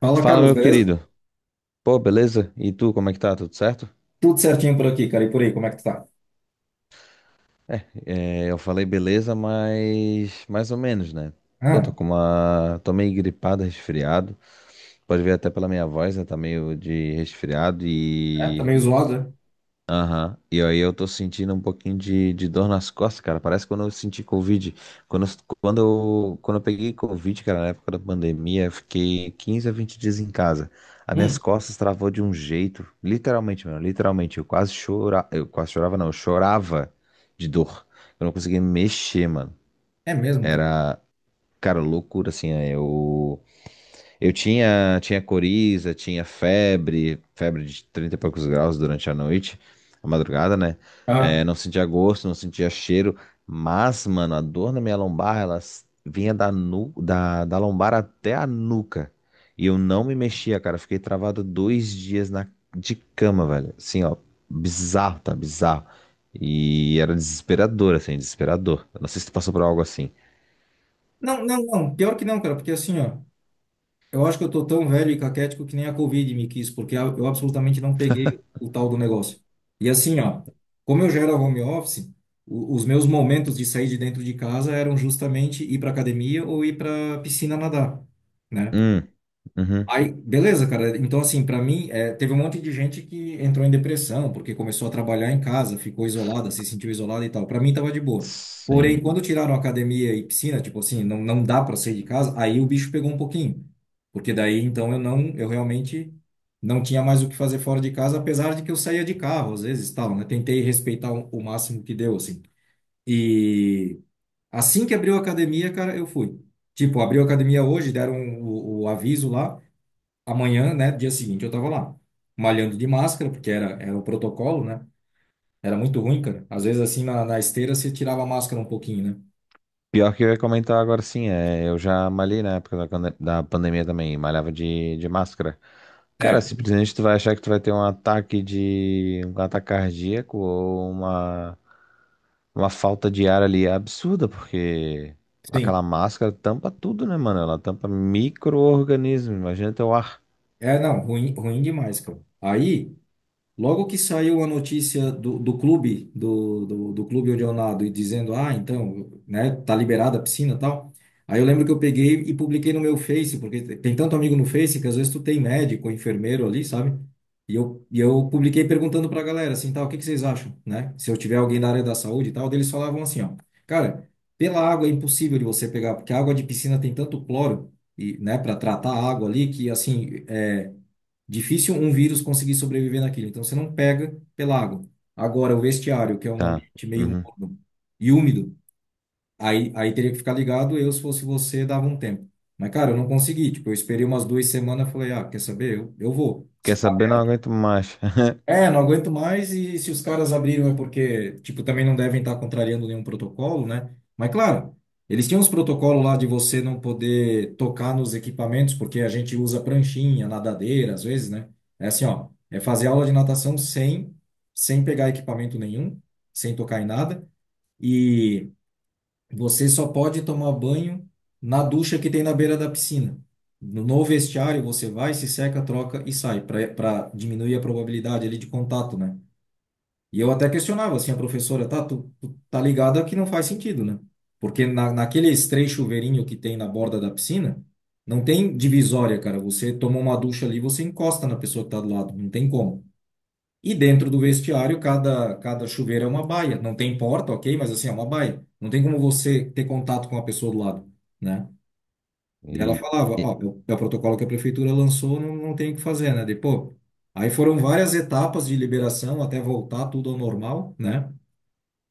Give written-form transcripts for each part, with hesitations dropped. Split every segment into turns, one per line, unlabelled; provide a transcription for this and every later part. Fala,
Fala,
Carlos,
meu
beleza?
querido. Pô, beleza? E tu, como é que tá? Tudo certo?
Tudo certinho por aqui, cara. E por aí, como é que tu tá?
É, eu falei beleza, mas mais ou menos, né? Eu tô
Ah,
com uma. Tô meio gripado, resfriado. Pode ver até pela minha voz, né? Tá meio de resfriado
é, tá meio zoado, né?
E aí eu tô sentindo um pouquinho de dor nas costas, cara. Parece quando eu senti Covid. Quando, eu- quando eu peguei Covid, cara, na época da pandemia, eu fiquei 15 a 20 dias em casa. As minhas
Hum,
costas travou de um jeito, literalmente, mano, literalmente. Eu chorava de dor. Eu não conseguia me mexer, mano.
é mesmo, cara.
Era, cara, loucura, assim, né? Eu tinha coriza, tinha febre, febre de 30 e poucos graus durante a noite, a madrugada, né?
Ah.
É, não sentia gosto, não sentia cheiro, mas, mano, a dor na minha lombar, ela vinha da lombar até a nuca. E eu não me mexia, cara. Fiquei travado dois dias na, de cama, velho. Assim, ó, bizarro, tá? Bizarro. E era desesperador, assim, desesperador. Eu não sei se tu passou por algo assim.
Não, não, não. Pior que não, cara, porque assim, ó, eu acho que eu tô tão velho e caquético que nem a Covid me quis, porque eu absolutamente não peguei o tal do negócio. E assim, ó, como eu já era home office, os meus momentos de sair de dentro de casa eram justamente ir pra academia ou ir pra piscina nadar, né?
Hum, uhum,
Aí, beleza, cara. Então, assim, pra mim, é, teve um monte de gente que entrou em depressão porque começou a trabalhar em casa, ficou isolada, se sentiu isolada e tal. Pra mim, tava de boa. Porém,
sim.
quando tiraram academia e piscina, tipo assim, não, não dá pra sair de casa, aí o bicho pegou um pouquinho. Porque daí, então, eu não, eu realmente não tinha mais o que fazer fora de casa, apesar de que eu saía de carro, às vezes, tal, né? Tentei respeitar o máximo que deu, assim. E assim que abriu a academia, cara, eu fui. Tipo, abriu a academia hoje, deram o aviso lá amanhã, né, dia seguinte, eu tava lá, malhando de máscara, porque era o protocolo, né? Era muito ruim, cara. Às vezes, assim, na esteira, você tirava a máscara um pouquinho,
Pior que eu ia comentar agora sim, é, eu já malhei na época da pandemia também, malhava de máscara.
né?
Cara,
É,
simplesmente tu vai achar que tu vai ter um ataque um ataque cardíaco ou uma falta de ar ali absurda, porque aquela
sim.
máscara tampa tudo, né, mano? Ela tampa micro-organismo, imagina teu ar.
É, não, ruim, ruim demais, cara. Aí. Logo que saiu a notícia do clube, do clube onde eu nado, e dizendo, ah, então, né, tá liberada a piscina e tal. Aí eu lembro que eu peguei e publiquei no meu Face, porque tem tanto amigo no Face que às vezes tu tem médico, enfermeiro ali, sabe? E eu publiquei perguntando pra galera, assim, tal, o que que vocês acham, né? Se eu tiver alguém da área da saúde e tal, daí eles falavam assim, ó, cara, pela água é impossível de você pegar, porque a água de piscina tem tanto cloro, e, né, para tratar a água ali, que assim, é difícil um vírus conseguir sobreviver naquilo. Então você não pega pela água. Agora, o vestiário, que é um
Tá,
ambiente meio
uhum.
morno e úmido, aí teria que ficar ligado. Eu, se fosse você, dava um tempo. Mas, cara, eu não consegui. Tipo, eu esperei umas 2 semanas, falei, ah, quer saber? Eu vou. Se
Quer saber? Não aguento mais.
é, não aguento mais e se os caras abriram é porque, tipo, também não devem estar contrariando nenhum protocolo, né? Mas claro, eles tinham uns protocolos lá de você não poder tocar nos equipamentos, porque a gente usa pranchinha, nadadeira, às vezes, né? É assim, ó, é fazer aula de natação sem pegar equipamento nenhum, sem tocar em nada, e você só pode tomar banho na ducha que tem na beira da piscina. No vestiário você vai, se seca, troca e sai, para diminuir a probabilidade ali de contato, né? E eu até questionava assim, a professora, tá, tu tá ligada que não faz sentido, né? Porque naqueles três chuveirinhos que tem na borda da piscina, não tem divisória, cara. Você toma uma ducha ali, você encosta na pessoa que tá do lado, não tem como. E dentro do vestiário, cada chuveiro é uma baia. Não tem porta, ok, mas assim, é uma baia. Não tem como você ter contato com a pessoa do lado, né? Daí ela
E,
falava,
e-
ó, é o protocolo que a prefeitura lançou, não, não tem o que fazer, né? Depois, aí foram várias etapas de liberação até voltar tudo ao normal, né?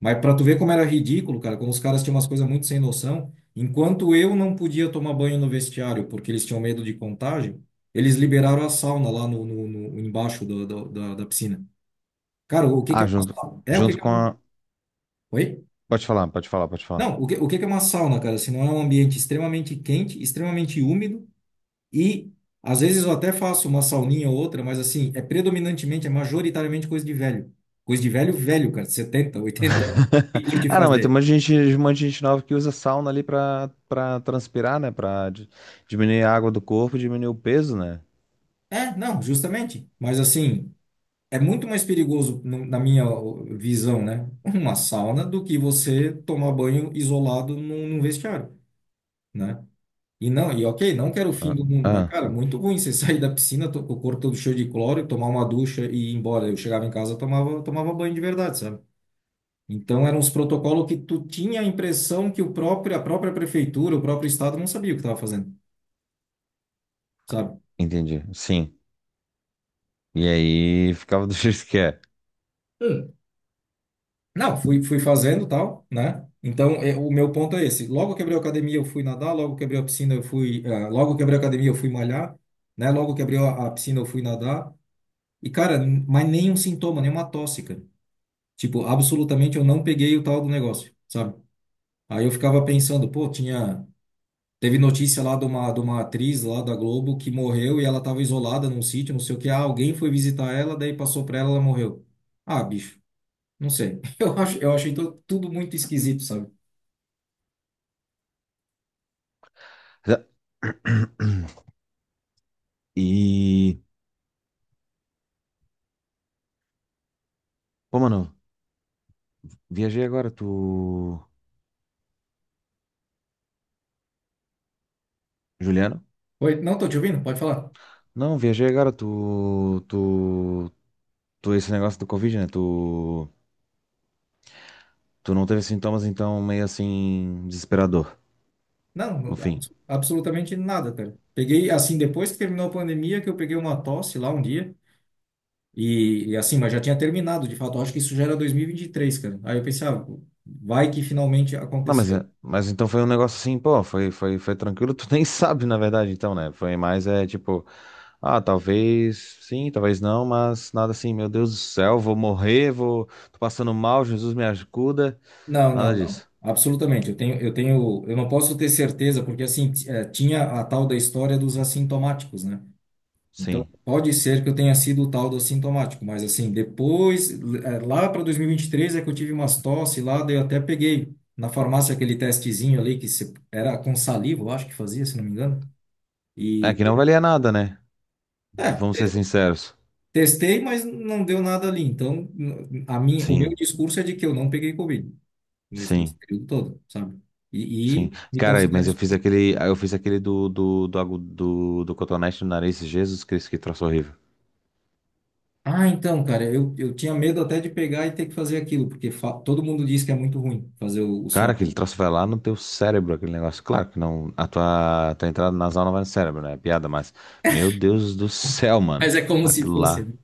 Mas pra tu ver como era ridículo, cara, como os caras tinham umas coisas muito sem noção, enquanto eu não podia tomar banho no vestiário porque eles tinham medo de contágio, eles liberaram a sauna lá embaixo da piscina. Cara, o que que é uma
junto,
sauna? É, o que
junto
que é
com
uma.
a...
Oi?
Pode falar, pode falar, pode falar.
Não, o que que é uma sauna, cara? Se não é um ambiente extremamente quente, extremamente úmido e às vezes eu até faço uma sauninha ou outra, mas assim, é predominantemente, é majoritariamente coisa de velho. Coisa de velho, velho, cara, 70, 80 anos, que curte
Ah, não, mas tem um
fazer.
monte de gente, um monte de gente nova que usa sauna ali pra transpirar, né? Diminuir a água do corpo, diminuir o peso, né?
É, não, justamente. Mas assim, é muito mais perigoso, na minha visão, né? Uma sauna do que você tomar banho isolado num, vestiário, né? E não, e ok, não quero o fim
Ah,
do mundo, mas
ah,
cara, muito ruim você sair da piscina, o corpo todo cheio de cloro, tomar uma ducha e ir embora. Eu chegava em casa, tomava banho de verdade, sabe? Então eram os protocolos que tu tinha a impressão que o próprio, a própria prefeitura, o próprio estado não sabia o que estava fazendo, sabe?
entendi. Sim. E aí ficava do jeito que é.
Não, fui, fui fazendo tal, né? Então, é, o meu ponto é esse. Logo quebrei a academia, eu fui nadar. Logo quebrei a piscina, eu fui. Ah, logo quebrei a academia, eu fui malhar, né? Logo quebrei a piscina, eu fui nadar. E, cara, mas nenhum sintoma, nenhuma tosse, cara. Tipo, absolutamente eu não peguei o tal do negócio, sabe? Aí eu ficava pensando, pô, tinha. Teve notícia lá de uma atriz lá da Globo que morreu e ela tava isolada num sítio, não sei o que. Ah, alguém foi visitar ela, daí passou pra ela, ela morreu. Ah, bicho, não sei. Eu acho, eu achei tudo muito esquisito, sabe?
E. Pô, mano, viajei agora, tu. Juliano?
Oi, não, tô te ouvindo, pode falar.
Não, viajei agora, Tu, esse negócio do Covid, né? Tu não teve sintomas, então meio assim, desesperador,
Não,
no fim.
absolutamente nada, cara. Peguei, assim, depois que terminou a pandemia, que eu peguei uma tosse lá um dia, e assim, mas já tinha terminado, de fato, eu acho que isso já era 2023, cara. Aí eu pensei, ah, vai que finalmente
Não,
aconteceu.
mas então foi um negócio assim, pô, foi tranquilo. Tu nem sabe, na verdade, então, né? Foi mais, é tipo, ah, talvez sim, talvez não, mas nada assim, meu Deus do céu, tô passando mal, Jesus me ajuda.
Não,
Nada
não, não,
disso.
absolutamente, eu não posso ter certeza, porque assim, tinha a tal da história dos assintomáticos, né? Então,
Sim.
pode ser que eu tenha sido o tal do assintomático, mas assim, depois, lá para 2023 é que eu tive umas tosse lá, daí eu até peguei na farmácia aquele testezinho ali que era com saliva, eu acho que fazia, se não me engano.
É
E
que não valia nada, né?
é,
Vamos ser sinceros.
testei, mas não deu nada ali. Então, o meu
Sim,
discurso é de que eu não peguei Covid nesse
sim,
período todo, sabe? E,
sim.
e me
Cara,
considero exposto.
eu fiz aquele do cotonete no nariz, Jesus Cristo, que troço horrível.
Ah, então, cara, eu tinha medo até de pegar e ter que fazer aquilo, porque todo mundo diz que é muito ruim fazer o
Cara,
swab,
aquele
né?
troço vai lá no teu cérebro, aquele negócio. Claro que não, tua entrada nasal não vai no cérebro, né? É piada, mas. Meu Deus do céu, mano.
Mas é como se
Aquilo
fosse,
lá.
né?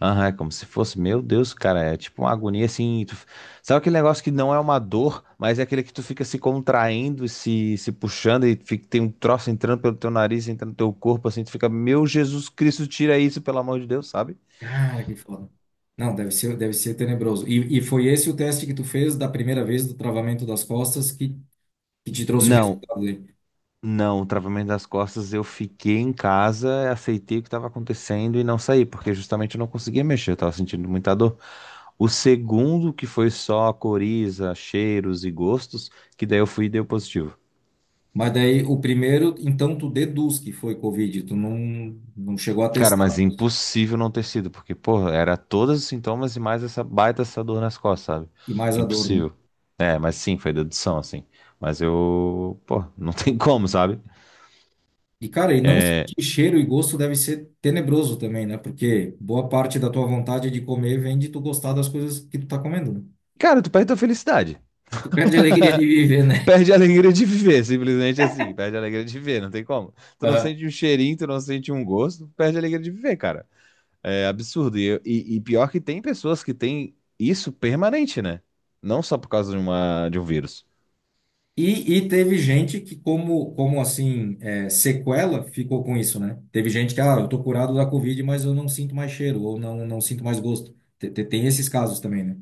Aham, é como se fosse. Meu Deus, cara. É tipo uma agonia assim. Sabe aquele negócio que não é uma dor, mas é aquele que tu fica se contraindo, se puxando e fica, tem um troço entrando pelo teu nariz, entrando no teu corpo, assim. Tu fica, meu Jesus Cristo, tira isso, pelo amor de Deus, sabe?
Cara, que foda. Não, deve ser tenebroso. E foi esse o teste que tu fez da primeira vez do travamento das costas que te trouxe o
Não,
resultado aí.
Não, o travamento das costas eu fiquei em casa, aceitei o que estava acontecendo e não saí, porque justamente eu não conseguia mexer, eu estava sentindo muita dor. O segundo, que foi só coriza, cheiros e gostos, que daí eu fui e deu positivo.
Mas daí o primeiro, então tu deduz que foi Covid, tu não chegou a
Cara,
testar
mas
positivo.
impossível não ter sido, porque, porra, era todos os sintomas e mais essa baita essa dor nas costas, sabe?
E mais a dor, né?
Impossível. É, mas sim, foi dedução, assim. Mas eu, pô, não tem como, sabe?
E cara, e não
É...
sentir cheiro e gosto deve ser tenebroso também, né? Porque boa parte da tua vontade de comer vem de tu gostar das coisas que tu tá comendo, né?
Cara, tu perdeu a felicidade.
Tu perde a alegria de viver, né?
Perde a alegria de viver, simplesmente assim. Perde a alegria de viver, não tem como. Tu não sente um cheirinho, tu não sente um gosto, perde a alegria de viver, cara. É absurdo. E pior que tem pessoas que têm isso permanente, né? Não só por causa de de um vírus.
E teve gente que, como assim, é, sequela, ficou com isso, né? Teve gente que, ah, eu tô curado da Covid, mas eu não sinto mais cheiro, ou não, não sinto mais gosto. Tem, esses casos também, né?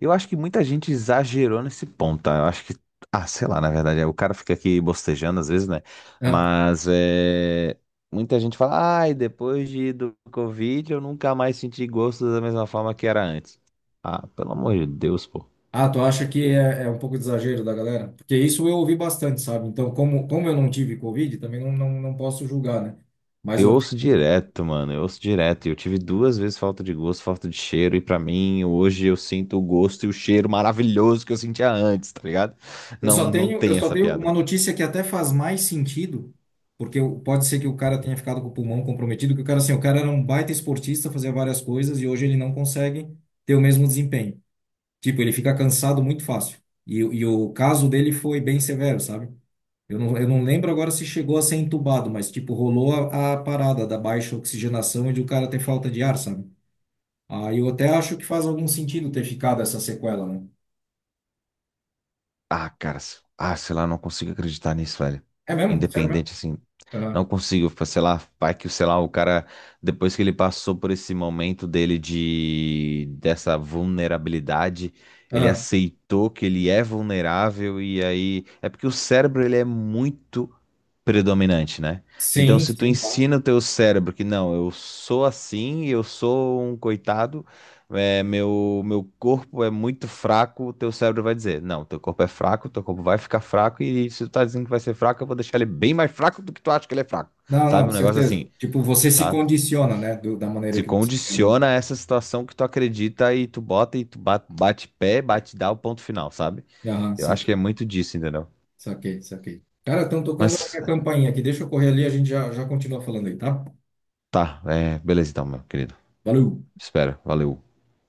Eu acho que muita gente exagerou nesse ponto, tá? Eu acho que. Ah, sei lá, na verdade. O cara fica aqui bostejando às vezes, né?
Ah,
Mas é. Muita gente fala, ai, depois do Covid eu nunca mais senti gosto da mesma forma que era antes. Ah, pelo amor de Deus, pô.
ah, tu acha que é um pouco de exagero da galera? Porque isso eu ouvi bastante, sabe? Então, como eu não tive Covid, também não posso julgar, né? Mas
Eu
eu
ouço direto, mano. Eu ouço direto. E eu tive 2 vezes falta de gosto, falta de cheiro. E pra mim, hoje eu sinto o gosto e o cheiro maravilhoso que eu sentia antes, tá ligado?
Eu
Não,
só
não
tenho, eu
tem
só
essa
tenho
piada.
uma notícia que até faz mais sentido, porque pode ser que o cara tenha ficado com o pulmão comprometido, que o cara assim, o cara era um baita esportista, fazia várias coisas e hoje ele não consegue ter o mesmo desempenho. Tipo, ele fica cansado muito fácil. E o caso dele foi bem severo, sabe? Eu não lembro agora se chegou a ser entubado, mas tipo, rolou a parada da baixa oxigenação e de o cara ter falta de ar, sabe? Aí eu até acho que faz algum sentido ter ficado essa sequela, né?
Ah, cara. Ah, sei lá, não consigo acreditar nisso, velho.
É mesmo? Sério mesmo?
Independente, assim. Não
Aham.
consigo, sei lá, vai que, sei lá, o cara, depois que ele passou por esse momento dele de, dessa vulnerabilidade, ele
Aham.
aceitou que ele é vulnerável e aí, é porque o cérebro, ele é muito predominante, né? Então,
Sim,
se tu
sim, claro.
ensina o teu cérebro que não, eu sou assim, eu sou um coitado, meu corpo é muito fraco, o teu cérebro vai dizer, não, teu corpo é fraco, teu corpo vai ficar fraco, e se tu tá dizendo que vai ser fraco, eu vou deixar ele bem mais fraco do que tu acha que ele é fraco,
Não,
sabe?
não,
Um negócio
certeza.
assim,
Tipo, você se
sabe?
condiciona, né, da maneira
Se
que você quer, né?
condiciona a essa situação que tu acredita e tu bota e tu bate pé, bate dá o ponto final, sabe?
Aham,
Eu acho que é
saquei,
muito disso, entendeu?
saquei, saquei. Cara, estão tocando a
Mas
minha campainha aqui. Deixa eu correr ali, a gente já, já continua falando aí, tá?
tá, é, beleza então, meu querido.
Valeu!
Espero, valeu.